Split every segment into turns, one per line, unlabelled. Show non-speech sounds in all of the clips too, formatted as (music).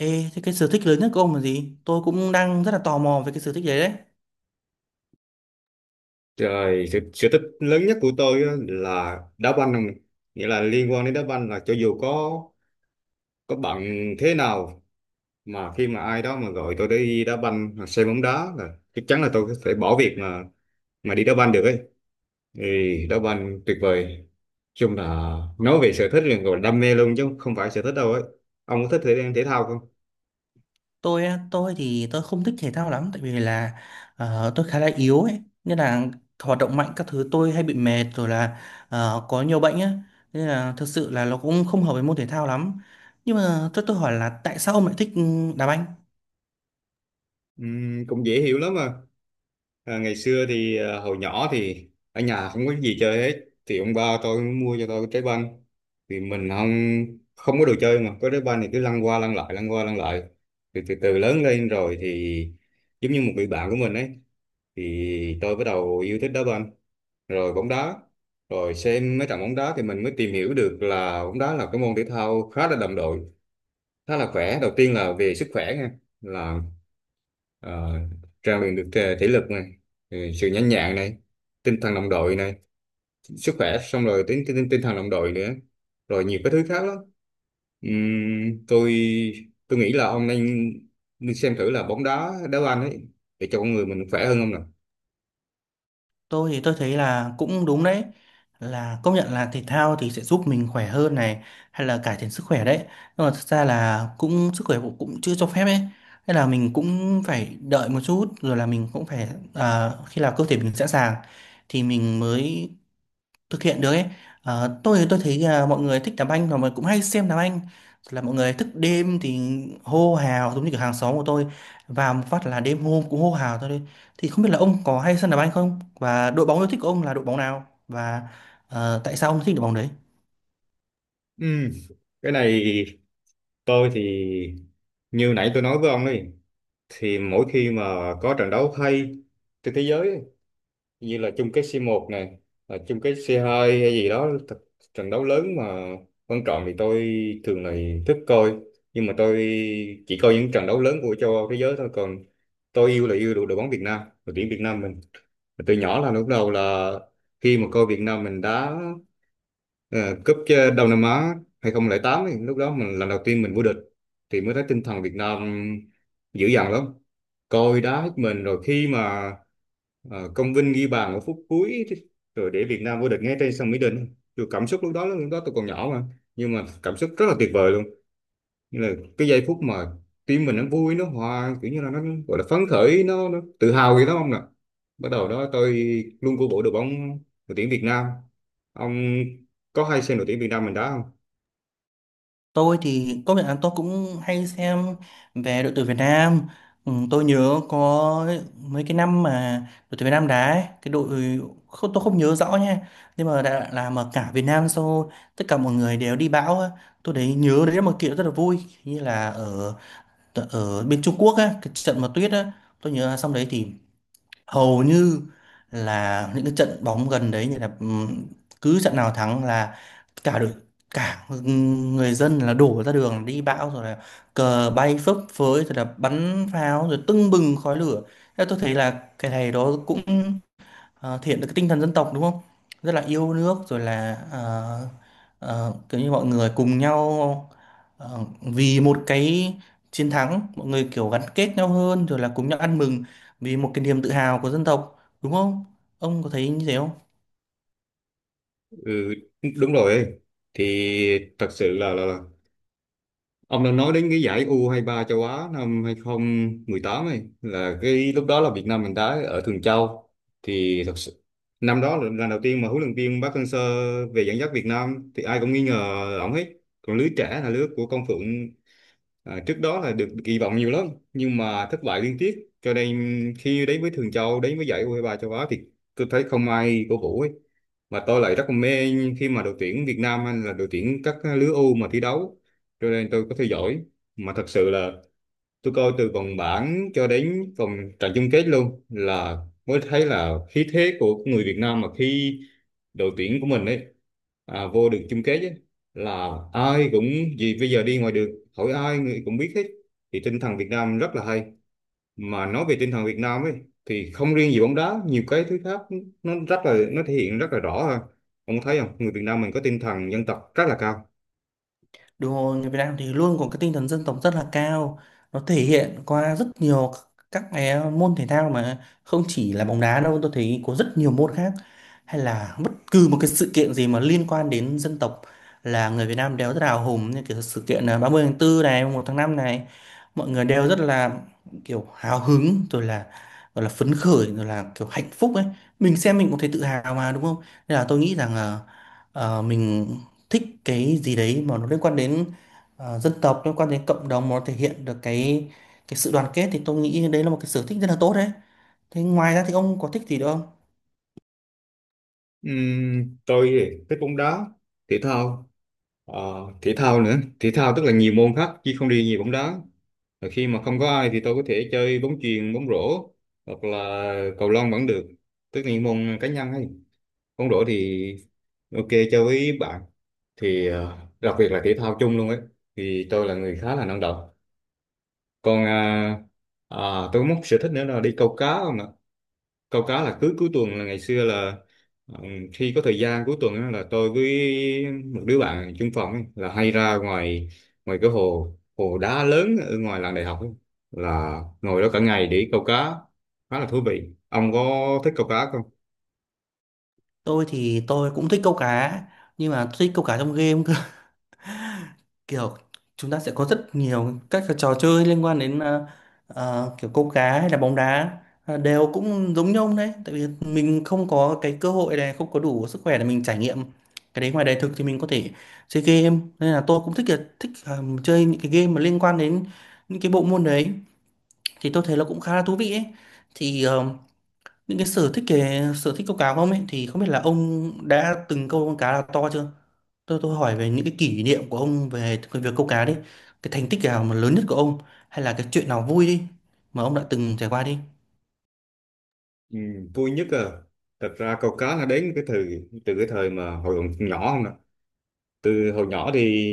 Ê, thế cái sở thích lớn nhất của ông là gì? Tôi cũng đang rất là tò mò về cái sở thích đấy đấy.
Rồi, sở thích lớn nhất của tôi á là đá banh không? Nghĩa là liên quan đến đá banh là cho dù có bận thế nào, mà khi mà ai đó mà gọi tôi đi đá banh hoặc xem bóng đá là chắc chắn là tôi có thể bỏ việc mà đi đá banh được ấy. Thì đá banh tuyệt vời. Nói chung là nói về sở thích là gọi là đam mê luôn chứ không phải sở thích đâu ấy. Ông có thích thể thể thao không?
Tôi á, tôi thì tôi không thích thể thao lắm tại vì là tôi khá là yếu ấy, nên là hoạt động mạnh các thứ tôi hay bị mệt rồi là có nhiều bệnh á, nên là thật sự là nó cũng không hợp với môn thể thao lắm. Nhưng mà tôi hỏi là tại sao ông lại thích đá banh?
Cũng dễ hiểu lắm mà. À, ngày xưa thì hồi nhỏ thì ở nhà không có gì chơi hết, thì ông ba tôi mua cho tôi cái trái banh, thì mình không không có đồ chơi mà có trái banh thì cứ lăn qua lăn lại, lăn qua lăn lại. Thì từ từ lớn lên rồi thì giống như một người bạn của mình ấy, thì tôi bắt đầu yêu thích đá banh, rồi bóng đá, rồi xem mấy trận bóng đá thì mình mới tìm hiểu được là bóng đá là cái môn thể thao khá là đồng đội, khá là khỏe. Đầu tiên là về sức khỏe nha, là Ờ, rèn luyện được thể lực này, sự nhanh nhẹn này, tinh thần đồng đội này. Sức khỏe, xong rồi tinh thần đồng đội nữa, rồi nhiều cái thứ khác lắm. Ừm, tôi tôi nghĩ là ông nên nên xem thử là bóng đá, đá banh ấy, để cho con người mình khỏe hơn, không nào?
Tôi thì tôi thấy là cũng đúng đấy, là công nhận là thể thao thì sẽ giúp mình khỏe hơn này, hay là cải thiện sức khỏe đấy, nhưng mà thực ra là cũng sức khỏe cũng cũng chưa cho phép ấy, nên là mình cũng phải đợi một chút rồi là mình cũng phải khi nào cơ thể mình sẵn sàng thì mình mới thực hiện được ấy. Tôi thì tôi thấy là mọi người thích đá banh và mọi người cũng hay xem đá banh, là mọi người thức đêm thì hô hào giống như kiểu hàng xóm của tôi, vào một phát là đêm hôm cũng hô hào thôi đấy. Thì không biết là ông có hay xem đá banh không, và đội bóng yêu thích của ông là đội bóng nào, và tại sao ông thích đội bóng đấy?
Ừm, cái này, tôi thì như nãy tôi nói với ông ấy, thì mỗi khi mà có trận đấu hay trên thế giới ấy, như là chung kết C1 này, là chung kết C2 hay gì đó trận đấu lớn mà quan trọng thì tôi thường là thích coi, nhưng mà tôi chỉ coi những trận đấu lớn của châu Âu, thế giới thôi. Còn tôi yêu là yêu đội đội bóng Việt Nam, đội tuyển Việt Nam mình. Mà từ nhỏ là lúc đầu là khi mà coi Việt Nam mình đá Ờ, cúp Đông Nam Á 2008 ấy, lúc đó mình lần đầu tiên mình vô địch, thì mới thấy tinh thần Việt Nam dữ dằn lắm, coi đá hết mình. Rồi khi mà Công Vinh ghi bàn ở phút cuối rồi để Việt Nam vô địch ngay trên sân Mỹ Đình, tôi cảm xúc lúc đó tôi còn nhỏ mà, nhưng mà cảm xúc rất là tuyệt vời luôn. Như là cái giây phút mà tim mình nó vui, nó hòa, kiểu như là nó gọi là phấn khởi, nó tự hào gì đó ông nè. Bắt đầu đó tôi luôn cổ vũ đội bóng, đội tuyển Việt Nam. Ông có hay xem đội tuyển Việt Nam mình đá không?
Tôi thì công nhận là tôi cũng hay xem về đội tuyển Việt Nam. Ừ, tôi nhớ có mấy cái năm mà đội tuyển Việt Nam đá ấy, cái đội không, tôi không nhớ rõ nha, nhưng mà đã là mà cả Việt Nam sau, tất cả mọi người đều đi bão á. Tôi đấy nhớ đấy là một kiện rất là vui, như là ở ở bên Trung Quốc á, cái trận mà tuyết á, tôi nhớ là xong đấy thì hầu như là những cái trận bóng gần đấy, như là cứ trận nào thắng là cả đội, cả người dân là đổ ra đường đi bão, rồi là cờ bay phấp phới, rồi là bắn pháo, rồi tưng bừng khói lửa. Thế tôi thấy là cái này đó cũng thể hiện được cái tinh thần dân tộc đúng không, rất là yêu nước, rồi là kiểu như mọi người cùng nhau, vì một cái chiến thắng, mọi người kiểu gắn kết nhau hơn, rồi là cùng nhau ăn mừng vì một cái niềm tự hào của dân tộc, đúng không? Ông có thấy như thế không?
Ừ, đúng rồi. Thì thật sự là ông đang nói đến cái giải U23 châu Á năm 2018 ấy, là cái lúc đó là Việt Nam mình đá ở Thường Châu. Thì thật sự, năm đó là lần đầu tiên mà huấn luyện viên Park Hang-seo về dẫn dắt Việt Nam thì ai cũng nghi ngờ ổng hết. Còn lứa trẻ là lứa của Công Phượng, à, trước đó là được kỳ vọng nhiều lắm nhưng mà thất bại liên tiếp, cho nên khi đến với Thường Châu, đến với giải U23 châu Á thì tôi thấy không ai cổ vũ ấy, mà tôi lại rất là mê khi mà đội tuyển Việt Nam hay là đội tuyển các lứa U mà thi đấu, cho nên tôi có theo dõi. Mà thật sự là tôi coi từ vòng bảng cho đến vòng trận chung kết luôn, là mới thấy là khí thế của người Việt Nam mà khi đội tuyển của mình ấy vô được chung kết ấy, là ai cũng, gì bây giờ đi ngoài đường hỏi ai người cũng biết hết. Thì tinh thần Việt Nam rất là hay. Mà nói về tinh thần Việt Nam ấy, thì không riêng gì bóng đá, nhiều cái thứ khác nó thể hiện rất là rõ ha. Ông thấy không, người Việt Nam mình có tinh thần dân tộc rất là cao.
Đúng rồi, người Việt Nam thì luôn có cái tinh thần dân tộc rất là cao. Nó thể hiện qua rất nhiều các cái môn thể thao, mà không chỉ là bóng đá đâu, tôi thấy có rất nhiều môn khác, hay là bất cứ một cái sự kiện gì mà liên quan đến dân tộc là người Việt Nam đều rất là hào hùng, như kiểu sự kiện 30 tháng 4 này, mùng 1 tháng 5 này, mọi người đều rất là kiểu hào hứng, rồi là gọi là phấn khởi, rồi là kiểu hạnh phúc ấy. Mình xem mình cũng thấy tự hào mà đúng không? Nên là tôi nghĩ rằng là mình thích cái gì đấy mà nó liên quan đến dân tộc, liên quan đến cộng đồng, mà nó thể hiện được cái sự đoàn kết, thì tôi nghĩ đấy là một cái sở thích rất là tốt đấy. Thế ngoài ra thì ông có thích gì nữa không?
Tôi thì thích bóng đá, thể thao. Ờ, Thể thao nữa, thể thao tức là nhiều môn khác chứ không đi nhiều bóng đá, và khi mà không có ai thì tôi có thể chơi bóng chuyền, bóng rổ, hoặc là cầu lông vẫn được. Tức là những môn cá nhân, hay bóng rổ thì ok chơi với bạn, thì đặc biệt là thể thao chung luôn ấy, thì tôi là người khá là năng động. Còn à, tôi có một sở thích nữa là đi câu cá. Câu cá là cứ cuối tuần, là ngày xưa là, ừ, khi có thời gian cuối tuần á, là tôi với một đứa bạn chung phòng ấy, là hay ra ngoài ngoài cái hồ hồ đá lớn ở ngoài làng đại học ấy, là ngồi đó cả ngày để câu cá, khá là thú vị. Ông có thích câu cá không?
Tôi thì tôi cũng thích câu cá, nhưng mà tôi thích câu cá trong game, kiểu chúng ta sẽ có rất nhiều các cái trò chơi liên quan đến kiểu câu cá hay là bóng đá, đều cũng giống nhau đấy, tại vì mình không có cái cơ hội này, không có đủ sức khỏe để mình trải nghiệm cái đấy ngoài đời thực, thì mình có thể chơi game. Nên là tôi cũng thích là thích chơi những cái game mà liên quan đến những cái bộ môn đấy, thì tôi thấy nó cũng khá là thú vị ấy. Thì những cái sở thích câu cá của ông ấy, thì không biết là ông đã từng câu con cá nào to chưa? Tôi hỏi về những cái kỷ niệm của ông về cái việc câu cá đi. Cái thành tích nào mà lớn nhất của ông, hay là cái chuyện nào vui đi mà ông đã từng trải qua đi.
Ừ, vui nhất à. Thật ra câu cá nó đến cái thời từ cái thời mà hồi còn nhỏ, không ạ? Từ hồi nhỏ thì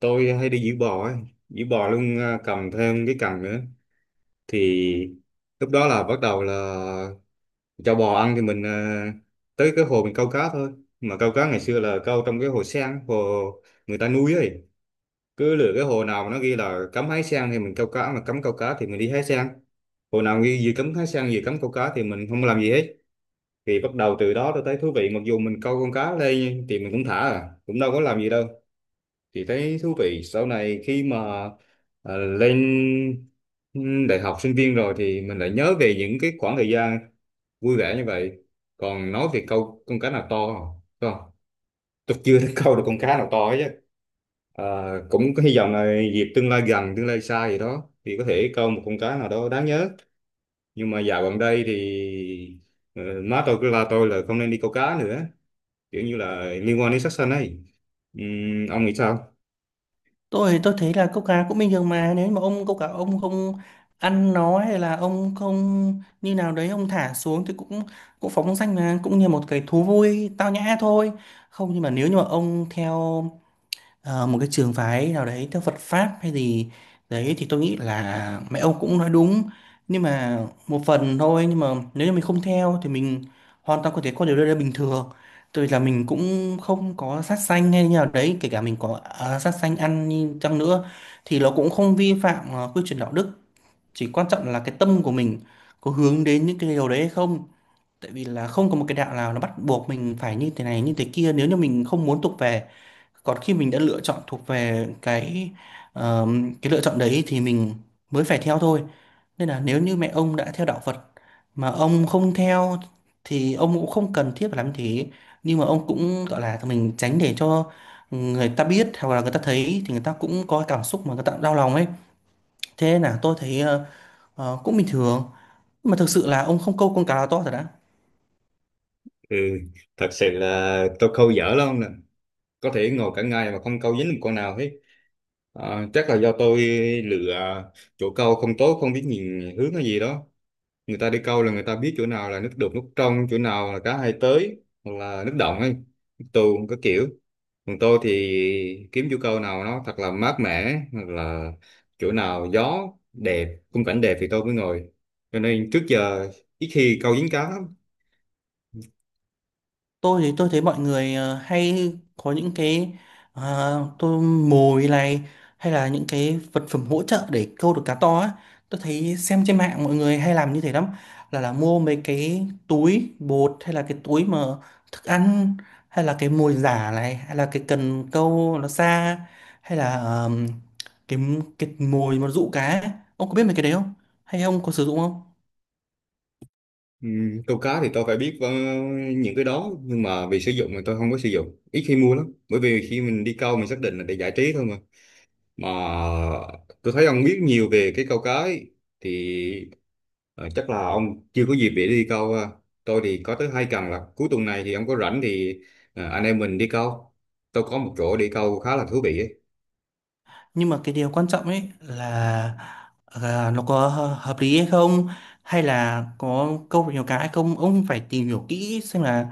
tôi hay đi giữ bò ấy, giữ bò luôn à, cầm thêm cái cần nữa, thì lúc đó là bắt đầu là cho bò ăn thì mình tới cái hồ mình câu cá thôi. Mà câu cá ngày xưa là câu trong cái hồ sen, hồ người ta nuôi ấy. Cứ lựa cái hồ nào mà nó ghi là cấm hái sen thì mình câu cá, mà cấm câu cá thì mình đi hái sen. Hồ nào ghi gì cấm hái sen, gì cấm câu cá thì mình không làm gì hết. Thì bắt đầu từ đó tôi thấy thú vị, mặc dù mình câu con cá lên thì mình cũng thả à, cũng đâu có làm gì đâu, thì thấy thú vị. Sau này khi mà lên đại học, sinh viên rồi, thì mình lại nhớ về những cái khoảng thời gian vui vẻ như vậy. Còn nói về câu con cá nào to không, đúng không? Tôi chưa (laughs) thấy câu được con cá nào to hết chứ. À, cũng có hy vọng là dịp tương lai gần, tương lai xa gì đó thì có thể câu một con cá nào đó đáng nhớ. Nhưng mà dạo gần đây thì ờ, má tôi cứ la tôi là không nên đi câu cá nữa, kiểu như là liên quan đến sát sanh ấy. Ông nghĩ sao?
Tôi thấy là câu cá cũng bình thường mà, nếu mà ông câu cá ông không ăn nó, hay là ông không như nào đấy ông thả xuống thì cũng cũng phóng danh mà, cũng như một cái thú vui tao nhã thôi. Không, nhưng mà nếu như mà ông theo một cái trường phái nào đấy, theo Phật pháp hay gì đấy, thì tôi nghĩ là mẹ ông cũng nói đúng, nhưng mà một phần thôi. Nhưng mà nếu như mình không theo thì mình hoàn toàn có thể có điều đó bình thường. Tôi là mình cũng không có sát sanh hay như nào đấy, kể cả mình có sát sanh ăn như chăng nữa thì nó cũng không vi phạm quy chuẩn đạo đức, chỉ quan trọng là cái tâm của mình có hướng đến những cái điều đấy hay không. Tại vì là không có một cái đạo nào nó bắt buộc mình phải như thế này như thế kia nếu như mình không muốn tục về, còn khi mình đã lựa chọn thuộc về cái lựa chọn đấy thì mình mới phải theo thôi. Nên là nếu như mẹ ông đã theo đạo Phật mà ông không theo thì ông cũng không cần thiết phải làm như thế, nhưng mà ông cũng gọi là mình tránh để cho người ta biết, hoặc là người ta thấy thì người ta cũng có cảm xúc mà người ta đau lòng ấy. Thế nên là tôi thấy cũng bình thường. Nhưng mà thực sự là ông không câu con cá là to thật đã.
Ừ, thật sự là tôi câu dở lắm nè. Có thể ngồi cả ngày mà không câu dính một con nào hết. À, chắc là do tôi lựa chỗ câu không tốt, không biết nhìn hướng hay gì đó. Người ta đi câu là người ta biết chỗ nào là nước đục, nước trong, chỗ nào là cá hay tới, hoặc là nước động ấy, nước tù, có kiểu. Còn tôi thì kiếm chỗ câu nào nó thật là mát mẻ, hoặc là chỗ nào gió đẹp, khung cảnh đẹp thì tôi mới ngồi. Cho nên trước giờ ít khi câu dính cá lắm.
Tôi thì tôi thấy mọi người hay có những cái tôi mồi này, hay là những cái vật phẩm hỗ trợ để câu được cá to á, tôi thấy xem trên mạng mọi người hay làm như thế lắm, là mua mấy cái túi bột, hay là cái túi mà thức ăn, hay là cái mồi giả này, hay là cái cần câu nó xa, hay là cái mồi mà dụ cá ấy. Ông có biết mấy cái đấy không, hay ông có sử dụng không?
Ừ, câu cá thì tôi phải biết những cái đó, nhưng mà vì sử dụng thì tôi không có sử dụng, ít khi mua lắm, bởi vì khi mình đi câu mình xác định là để giải trí thôi mà. Mà tôi thấy ông biết nhiều về cái câu cá ấy, thì chắc là ông chưa có dịp để đi câu ha. Tôi thì có tới hai cần, là cuối tuần này thì ông có rảnh thì anh em mình đi câu, tôi có một chỗ đi câu khá là thú vị ấy.
Nhưng mà cái điều quan trọng ấy là nó có hợp lý hay không, hay là có câu nhiều cá hay không, ông phải tìm hiểu kỹ xem là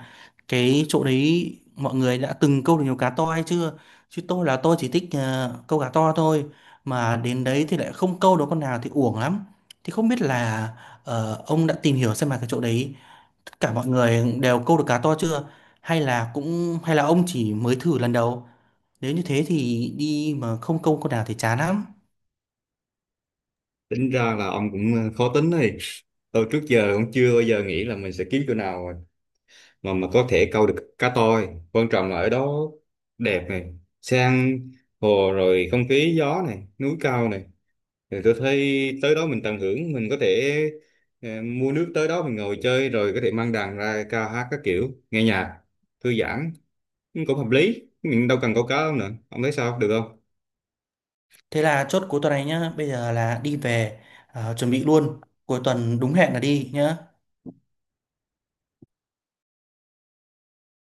cái chỗ đấy mọi người đã từng câu được nhiều cá to hay chưa. Chứ tôi là tôi chỉ thích câu cá to thôi, mà đến đấy thì lại không câu được con nào thì uổng lắm. Thì không biết là ông đã tìm hiểu xem là cái chỗ đấy tất cả mọi người đều câu được cá to chưa, hay là ông chỉ mới thử lần đầu, nếu như thế thì đi mà không câu con nào thì chán lắm.
Tính ra là ông cũng khó tính này. Tôi trước giờ cũng chưa bao giờ nghĩ là mình sẽ kiếm chỗ nào mà có thể câu được cá, toi quan trọng là ở đó đẹp này, sang hồ rồi không khí gió này, núi cao này. Thì tôi thấy tới đó mình tận hưởng, mình có thể mua nước tới đó mình ngồi chơi, rồi có thể mang đàn ra ca hát các kiểu, nghe nhạc thư giãn cũng hợp lý, mình đâu cần câu cá đâu nữa. Ông thấy sao, được không?
Thế là chốt cuối tuần này nhá, bây giờ là đi về chuẩn bị luôn, cuối tuần đúng hẹn là đi nhá.